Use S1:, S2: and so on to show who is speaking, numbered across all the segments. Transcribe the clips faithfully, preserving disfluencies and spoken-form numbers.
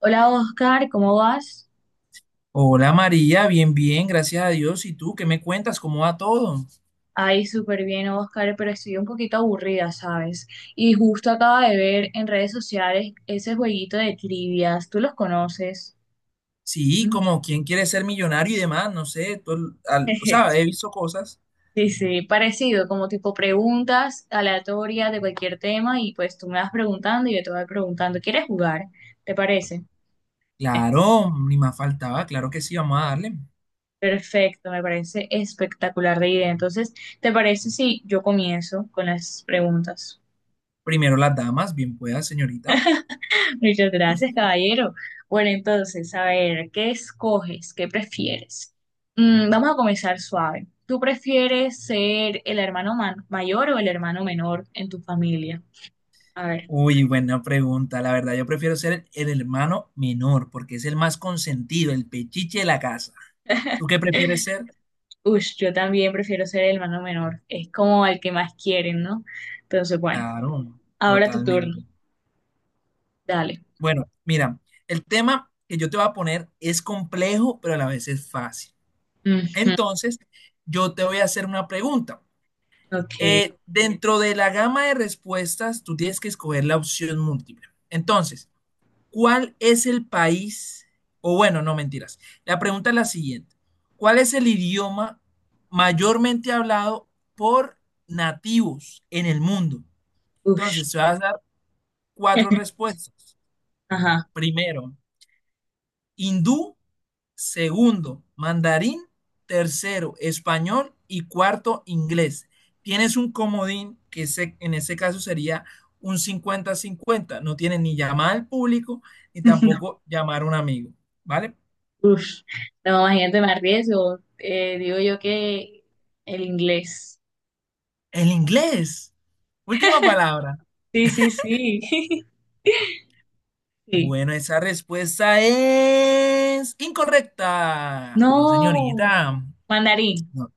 S1: Hola Oscar, ¿cómo vas?
S2: Hola María, bien, bien, gracias a Dios. ¿Y tú qué me cuentas? ¿Cómo va todo?
S1: Ay, súper bien Oscar, pero estoy un poquito aburrida, ¿sabes? Y justo acaba de ver en redes sociales ese jueguito de trivias, ¿tú los conoces?
S2: Sí,
S1: Mm.
S2: como quién quiere ser millonario y demás, no sé. Tú- al- o sea, he visto cosas.
S1: Sí, sí, parecido, como tipo preguntas aleatorias de cualquier tema y pues tú me vas preguntando y yo te voy preguntando, ¿quieres jugar? ¿Te parece?
S2: Claro, ni más faltaba, claro que sí, vamos a darle.
S1: Perfecto, me parece espectacular de idea. Entonces, ¿te parece si yo comienzo con las preguntas?
S2: Primero las damas, bien pueda, señorita.
S1: Muchas gracias, caballero. Bueno, entonces, a ver, ¿qué escoges? ¿Qué prefieres? Mm, vamos a comenzar suave. ¿Tú prefieres ser el hermano ma- mayor o el hermano menor en tu familia? A ver,
S2: Uy, buena pregunta. La verdad, yo prefiero ser el, el hermano menor porque es el más consentido, el pechiche de la casa. ¿Tú qué prefieres ser?
S1: ush, yo también prefiero ser el hermano menor. Es como el que más quieren, ¿no? Entonces, bueno,
S2: Claro,
S1: ahora tu turno.
S2: totalmente.
S1: Dale.
S2: Bueno, mira, el tema que yo te voy a poner es complejo, pero a la vez es fácil.
S1: Ujú.
S2: Entonces, yo te voy a hacer una pregunta.
S1: Ok.
S2: Eh, dentro de la gama de respuestas, tú tienes que escoger la opción múltiple. Entonces, ¿cuál es el país? O bueno, no mentiras. La pregunta es la siguiente. ¿Cuál es el idioma mayormente hablado por nativos en el mundo?
S1: Ush.
S2: Entonces, te vas a dar cuatro respuestas.
S1: Ajá.
S2: Primero, hindú. Segundo, mandarín. Tercero, español. Y cuarto, inglés. Tienes un comodín que se- en ese caso sería un cincuenta cincuenta. No tienes ni llamar al público ni tampoco llamar a un amigo. ¿Vale?
S1: Ush, no, imagínate, me arriesgo. Eh, digo yo que el inglés.
S2: El inglés. Última palabra.
S1: Sí, sí, sí. Sí.
S2: Bueno, esa respuesta es incorrecta. No,
S1: No,
S2: señorita.
S1: mandarín.
S2: No.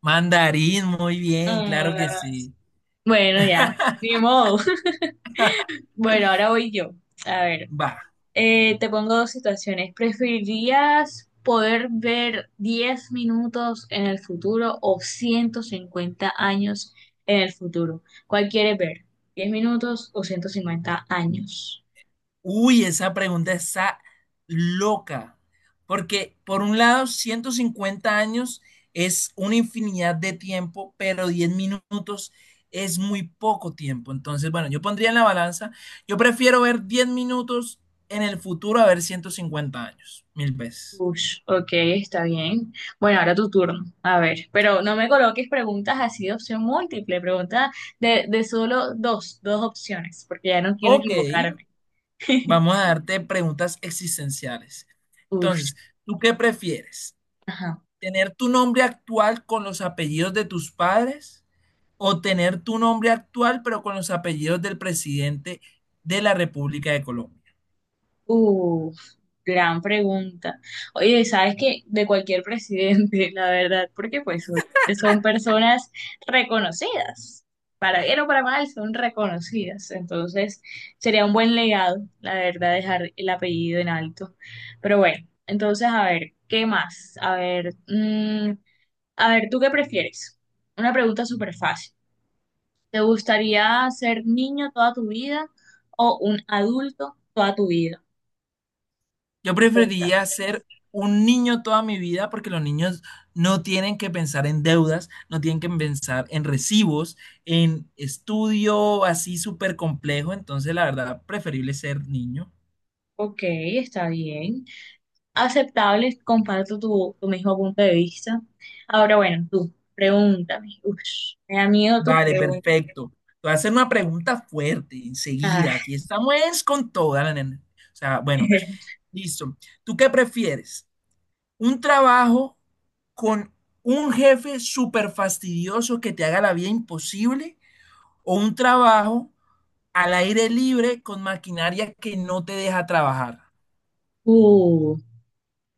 S2: Mandarín, muy bien, claro que
S1: Ah,
S2: sí.
S1: bueno, ya, ni modo. Bueno, ahora voy yo. A ver,
S2: Va.
S1: eh, te pongo dos situaciones. ¿Preferirías poder ver diez minutos en el futuro o ciento cincuenta años en el futuro? ¿Cuál quieres ver? ¿Diez minutos o ciento cincuenta años?
S2: Uy, esa pregunta está loca, porque por un lado, ciento cincuenta años es una infinidad de tiempo, pero diez minutos es muy poco tiempo. Entonces, bueno, yo pondría en la balanza, yo prefiero ver diez minutos en el futuro a ver ciento cincuenta años, mil veces.
S1: Ush, ok, está bien. Bueno, ahora tu turno. A ver, pero no me coloques preguntas así de opción múltiple, preguntas de, de solo dos, dos opciones, porque ya no quiero
S2: Ok,
S1: equivocarme.
S2: vamos a darte preguntas existenciales.
S1: Ush,
S2: Entonces, ¿tú qué prefieres?
S1: ajá.
S2: ¿Tener tu nombre actual con los apellidos de tus padres, o tener tu nombre actual pero con los apellidos del presidente de la República de Colombia?
S1: Uf, gran pregunta. Oye, ¿sabes qué? De cualquier presidente, la verdad, porque pues obviamente son personas reconocidas. Para bien o para mal, son reconocidas. Entonces, sería un buen legado, la verdad, dejar el apellido en alto. Pero bueno, entonces, a ver, ¿qué más? A ver, mm, a ver, ¿tú qué prefieres? Una pregunta súper fácil. ¿Te gustaría ser niño toda tu vida o un adulto toda tu vida?
S2: Yo preferiría ser un niño toda mi vida porque los niños no tienen que pensar en deudas, no tienen que pensar en recibos, en estudio así súper complejo, entonces la verdad preferible ser niño.
S1: Ok, está bien. Aceptable, comparto tu, tu mismo punto de vista. Ahora, bueno, tú, pregúntame. Ush, me da miedo tus
S2: Vale,
S1: preguntas.
S2: perfecto. Te voy a hacer una pregunta fuerte enseguida.
S1: Ah,
S2: Aquí estamos es con toda la nena. O sea, bueno, listo. ¿Tú qué prefieres? ¿Un trabajo con un jefe súper fastidioso que te haga la vida imposible, o un trabajo al aire libre con maquinaria que no te deja trabajar?
S1: uh,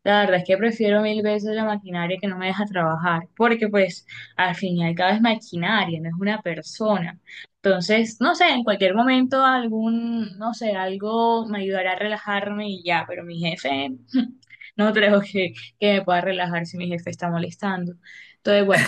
S1: la verdad es que prefiero mil veces la maquinaria que no me deja trabajar, porque pues al fin y al cabo es maquinaria, no es una persona. Entonces, no sé, en cualquier momento algún, no sé, algo me ayudará a relajarme y ya, pero mi jefe, no creo que, que me pueda relajar si mi jefe está molestando. Entonces, bueno,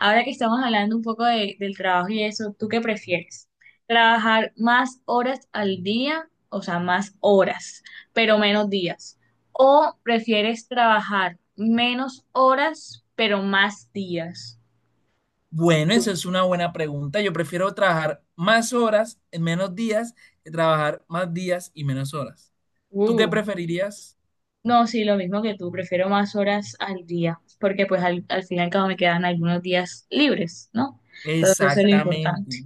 S1: ahora que estamos hablando un poco de- del trabajo y eso, ¿tú qué prefieres? ¿Trabajar más horas al día? O sea, más horas, pero menos días. ¿O prefieres trabajar menos horas, pero más días?
S2: Bueno, esa es una buena pregunta. Yo prefiero trabajar más horas en menos días que trabajar más días y menos horas. ¿Tú qué
S1: Uh,
S2: preferirías?
S1: no, sí, lo mismo que tú, prefiero más horas al día, porque pues al, al fin y al cabo me quedan algunos días libres, ¿no? Entonces eso es lo importante.
S2: Exactamente.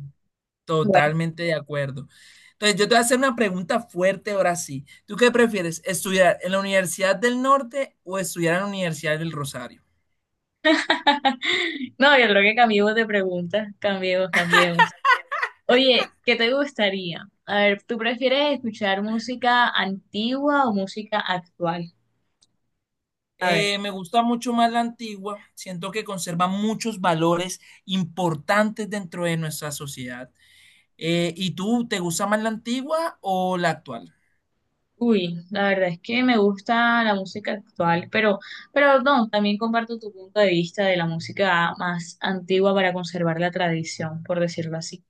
S1: Bueno,
S2: Totalmente de acuerdo. Entonces, yo te voy a hacer una pregunta fuerte ahora sí. ¿Tú qué prefieres? ¿Estudiar en la Universidad del Norte o estudiar en la Universidad del Rosario?
S1: no, yo creo que cambiemos de pregunta, cambiemos, cambiemos. Oye, ¿qué te gustaría? A ver, ¿tú prefieres escuchar música antigua o música actual? A ver,
S2: Eh, me gusta mucho más la antigua. Siento que conserva muchos valores importantes dentro de nuestra sociedad. Eh, ¿y tú, te gusta más la antigua o la actual?
S1: uy, la verdad es que me gusta la música actual, pero, pero no, también comparto tu punto de vista de la música más antigua para conservar la tradición, por decirlo así.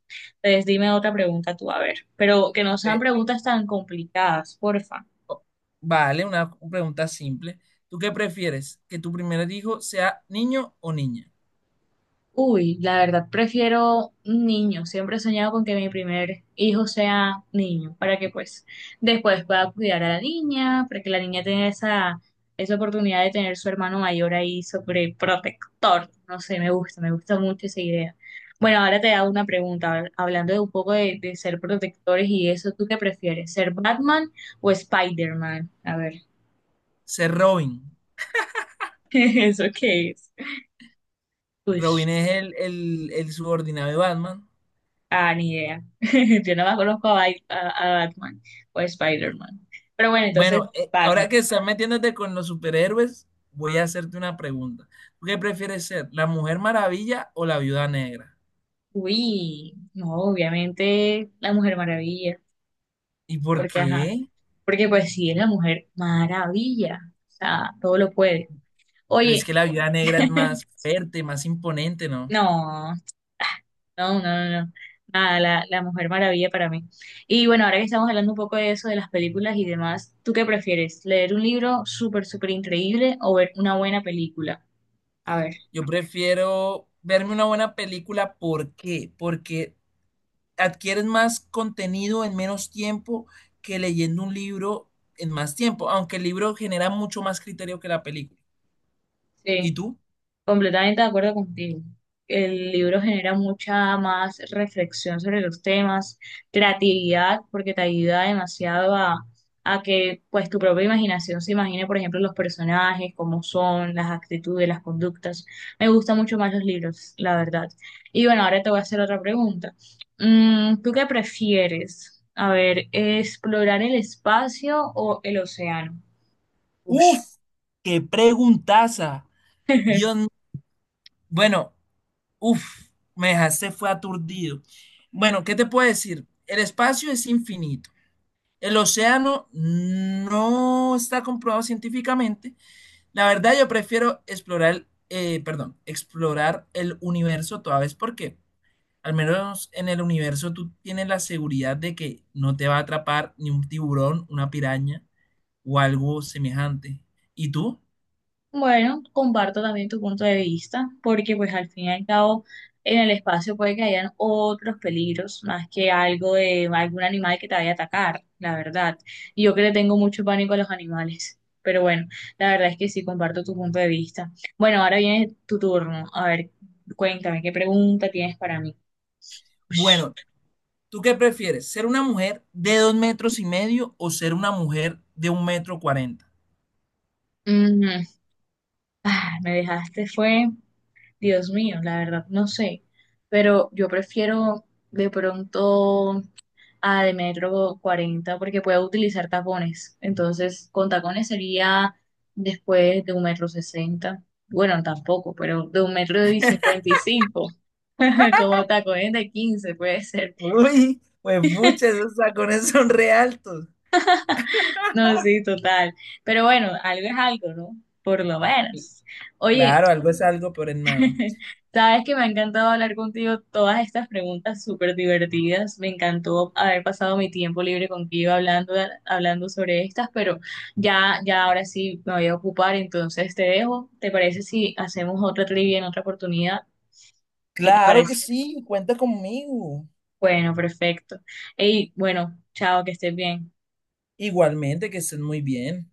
S1: Entonces, dime otra pregunta tú, a ver, pero que no sean
S2: Eh,
S1: preguntas tan complicadas, porfa.
S2: o- vale, una pregunta simple. ¿Tú qué prefieres? ¿Que tu primer hijo sea niño o niña?
S1: Uy, la verdad, prefiero un niño. Siempre he soñado con que mi primer hijo sea niño, para que pues después pueda cuidar a la niña, para que la niña tenga esa, esa oportunidad de tener su hermano mayor ahí sobre protector. No sé, me gusta, me gusta mucho esa idea. Bueno, ahora te hago una pregunta, hab- hablando de un poco de, de ser protectores y eso, ¿tú qué prefieres? ¿Ser Batman o Spider-Man? A ver,
S2: Ser Robin.
S1: ¿eso qué es?
S2: Robin es el, el, el subordinado de Batman.
S1: Ah, ni idea. Yo nada más conozco a, Bai- a- a Batman o a Spider-Man. Pero bueno, entonces,
S2: Bueno, eh, ahora que
S1: Batman.
S2: estás metiéndote con los superhéroes, voy a hacerte una pregunta. ¿Tú qué prefieres ser, la Mujer Maravilla o la Viuda Negra?
S1: Uy, no, obviamente la Mujer Maravilla.
S2: ¿Y por
S1: Porque, ajá,
S2: qué?
S1: porque pues sí es la Mujer Maravilla. O sea, todo lo puede.
S2: Pero es
S1: Oye,
S2: que la Viuda Negra es más fuerte, más imponente, ¿no?
S1: no, no, no, no, no. Nada, la, la Mujer Maravilla para mí. Y bueno, ahora que estamos hablando un poco de eso, de las películas y demás, ¿tú qué prefieres? ¿Leer un libro súper, súper increíble o ver una buena película? A ver,
S2: Yo prefiero verme una buena película. ¿Por qué? Porque adquieres más contenido en menos tiempo que leyendo un libro en más tiempo, aunque el libro genera mucho más criterio que la película. ¿Y
S1: sí.
S2: tú?
S1: Completamente de acuerdo contigo. El libro genera mucha más reflexión sobre los temas, creatividad, porque te ayuda demasiado a, a que pues tu propia imaginación se imagine, por ejemplo, los personajes, cómo son, las actitudes, las conductas. Me gustan mucho más los libros, la verdad. Y bueno, ahora te voy a hacer otra pregunta. Mm, ¿tú qué prefieres? A ver, ¿explorar el espacio o el océano? Ush.
S2: Uf, qué preguntaza. Dios, m- bueno, uf, me dejaste, fue aturdido. Bueno, ¿qué te puedo decir? El espacio es infinito. El océano no está comprobado científicamente. La verdad, yo prefiero explorar, eh, perdón, explorar el universo toda vez porque al menos en el universo tú tienes la seguridad de que no te va a atrapar ni un tiburón, una piraña o algo semejante. ¿Y tú?
S1: Bueno, comparto también tu punto de vista, porque pues al fin y al cabo en el espacio puede que hayan otros peligros, más que algo de algún animal que te vaya a atacar, la verdad. Y yo que le tengo mucho pánico a los animales, pero bueno, la verdad es que sí comparto tu punto de vista. Bueno, ahora viene tu turno. A ver, cuéntame, ¿qué pregunta tienes para mí? Ush.
S2: Bueno, ¿tú qué prefieres? ¿Ser una mujer de dos metros y medio o ser una mujer de un metro cuarenta?
S1: Mm, ah, me dejaste fue, Dios mío, la verdad no sé, pero yo prefiero de pronto, a de metro cuarenta porque puedo utilizar tacones. Entonces, con tacones sería después de un metro sesenta. Bueno, tampoco, pero de un metro y cincuenta y cinco, como tacones de quince puede ser.
S2: Uy, pues muchas, esos tacones son re altos.
S1: No, sí, total. Pero bueno, algo es algo, ¿no? Por lo menos. Oye,
S2: Claro, algo es algo, pero es nada.
S1: sabes que me ha encantado hablar contigo todas estas preguntas súper divertidas. Me encantó haber pasado mi tiempo libre contigo hablando, hablando sobre estas, pero ya, ya ahora sí me voy a ocupar, entonces te dejo. ¿Te parece si hacemos otra trivia en otra oportunidad? ¿Qué te
S2: Claro que
S1: parece?
S2: sí, cuenta conmigo.
S1: Bueno, perfecto. Y bueno, chao, que estés bien.
S2: Igualmente, que estén muy bien.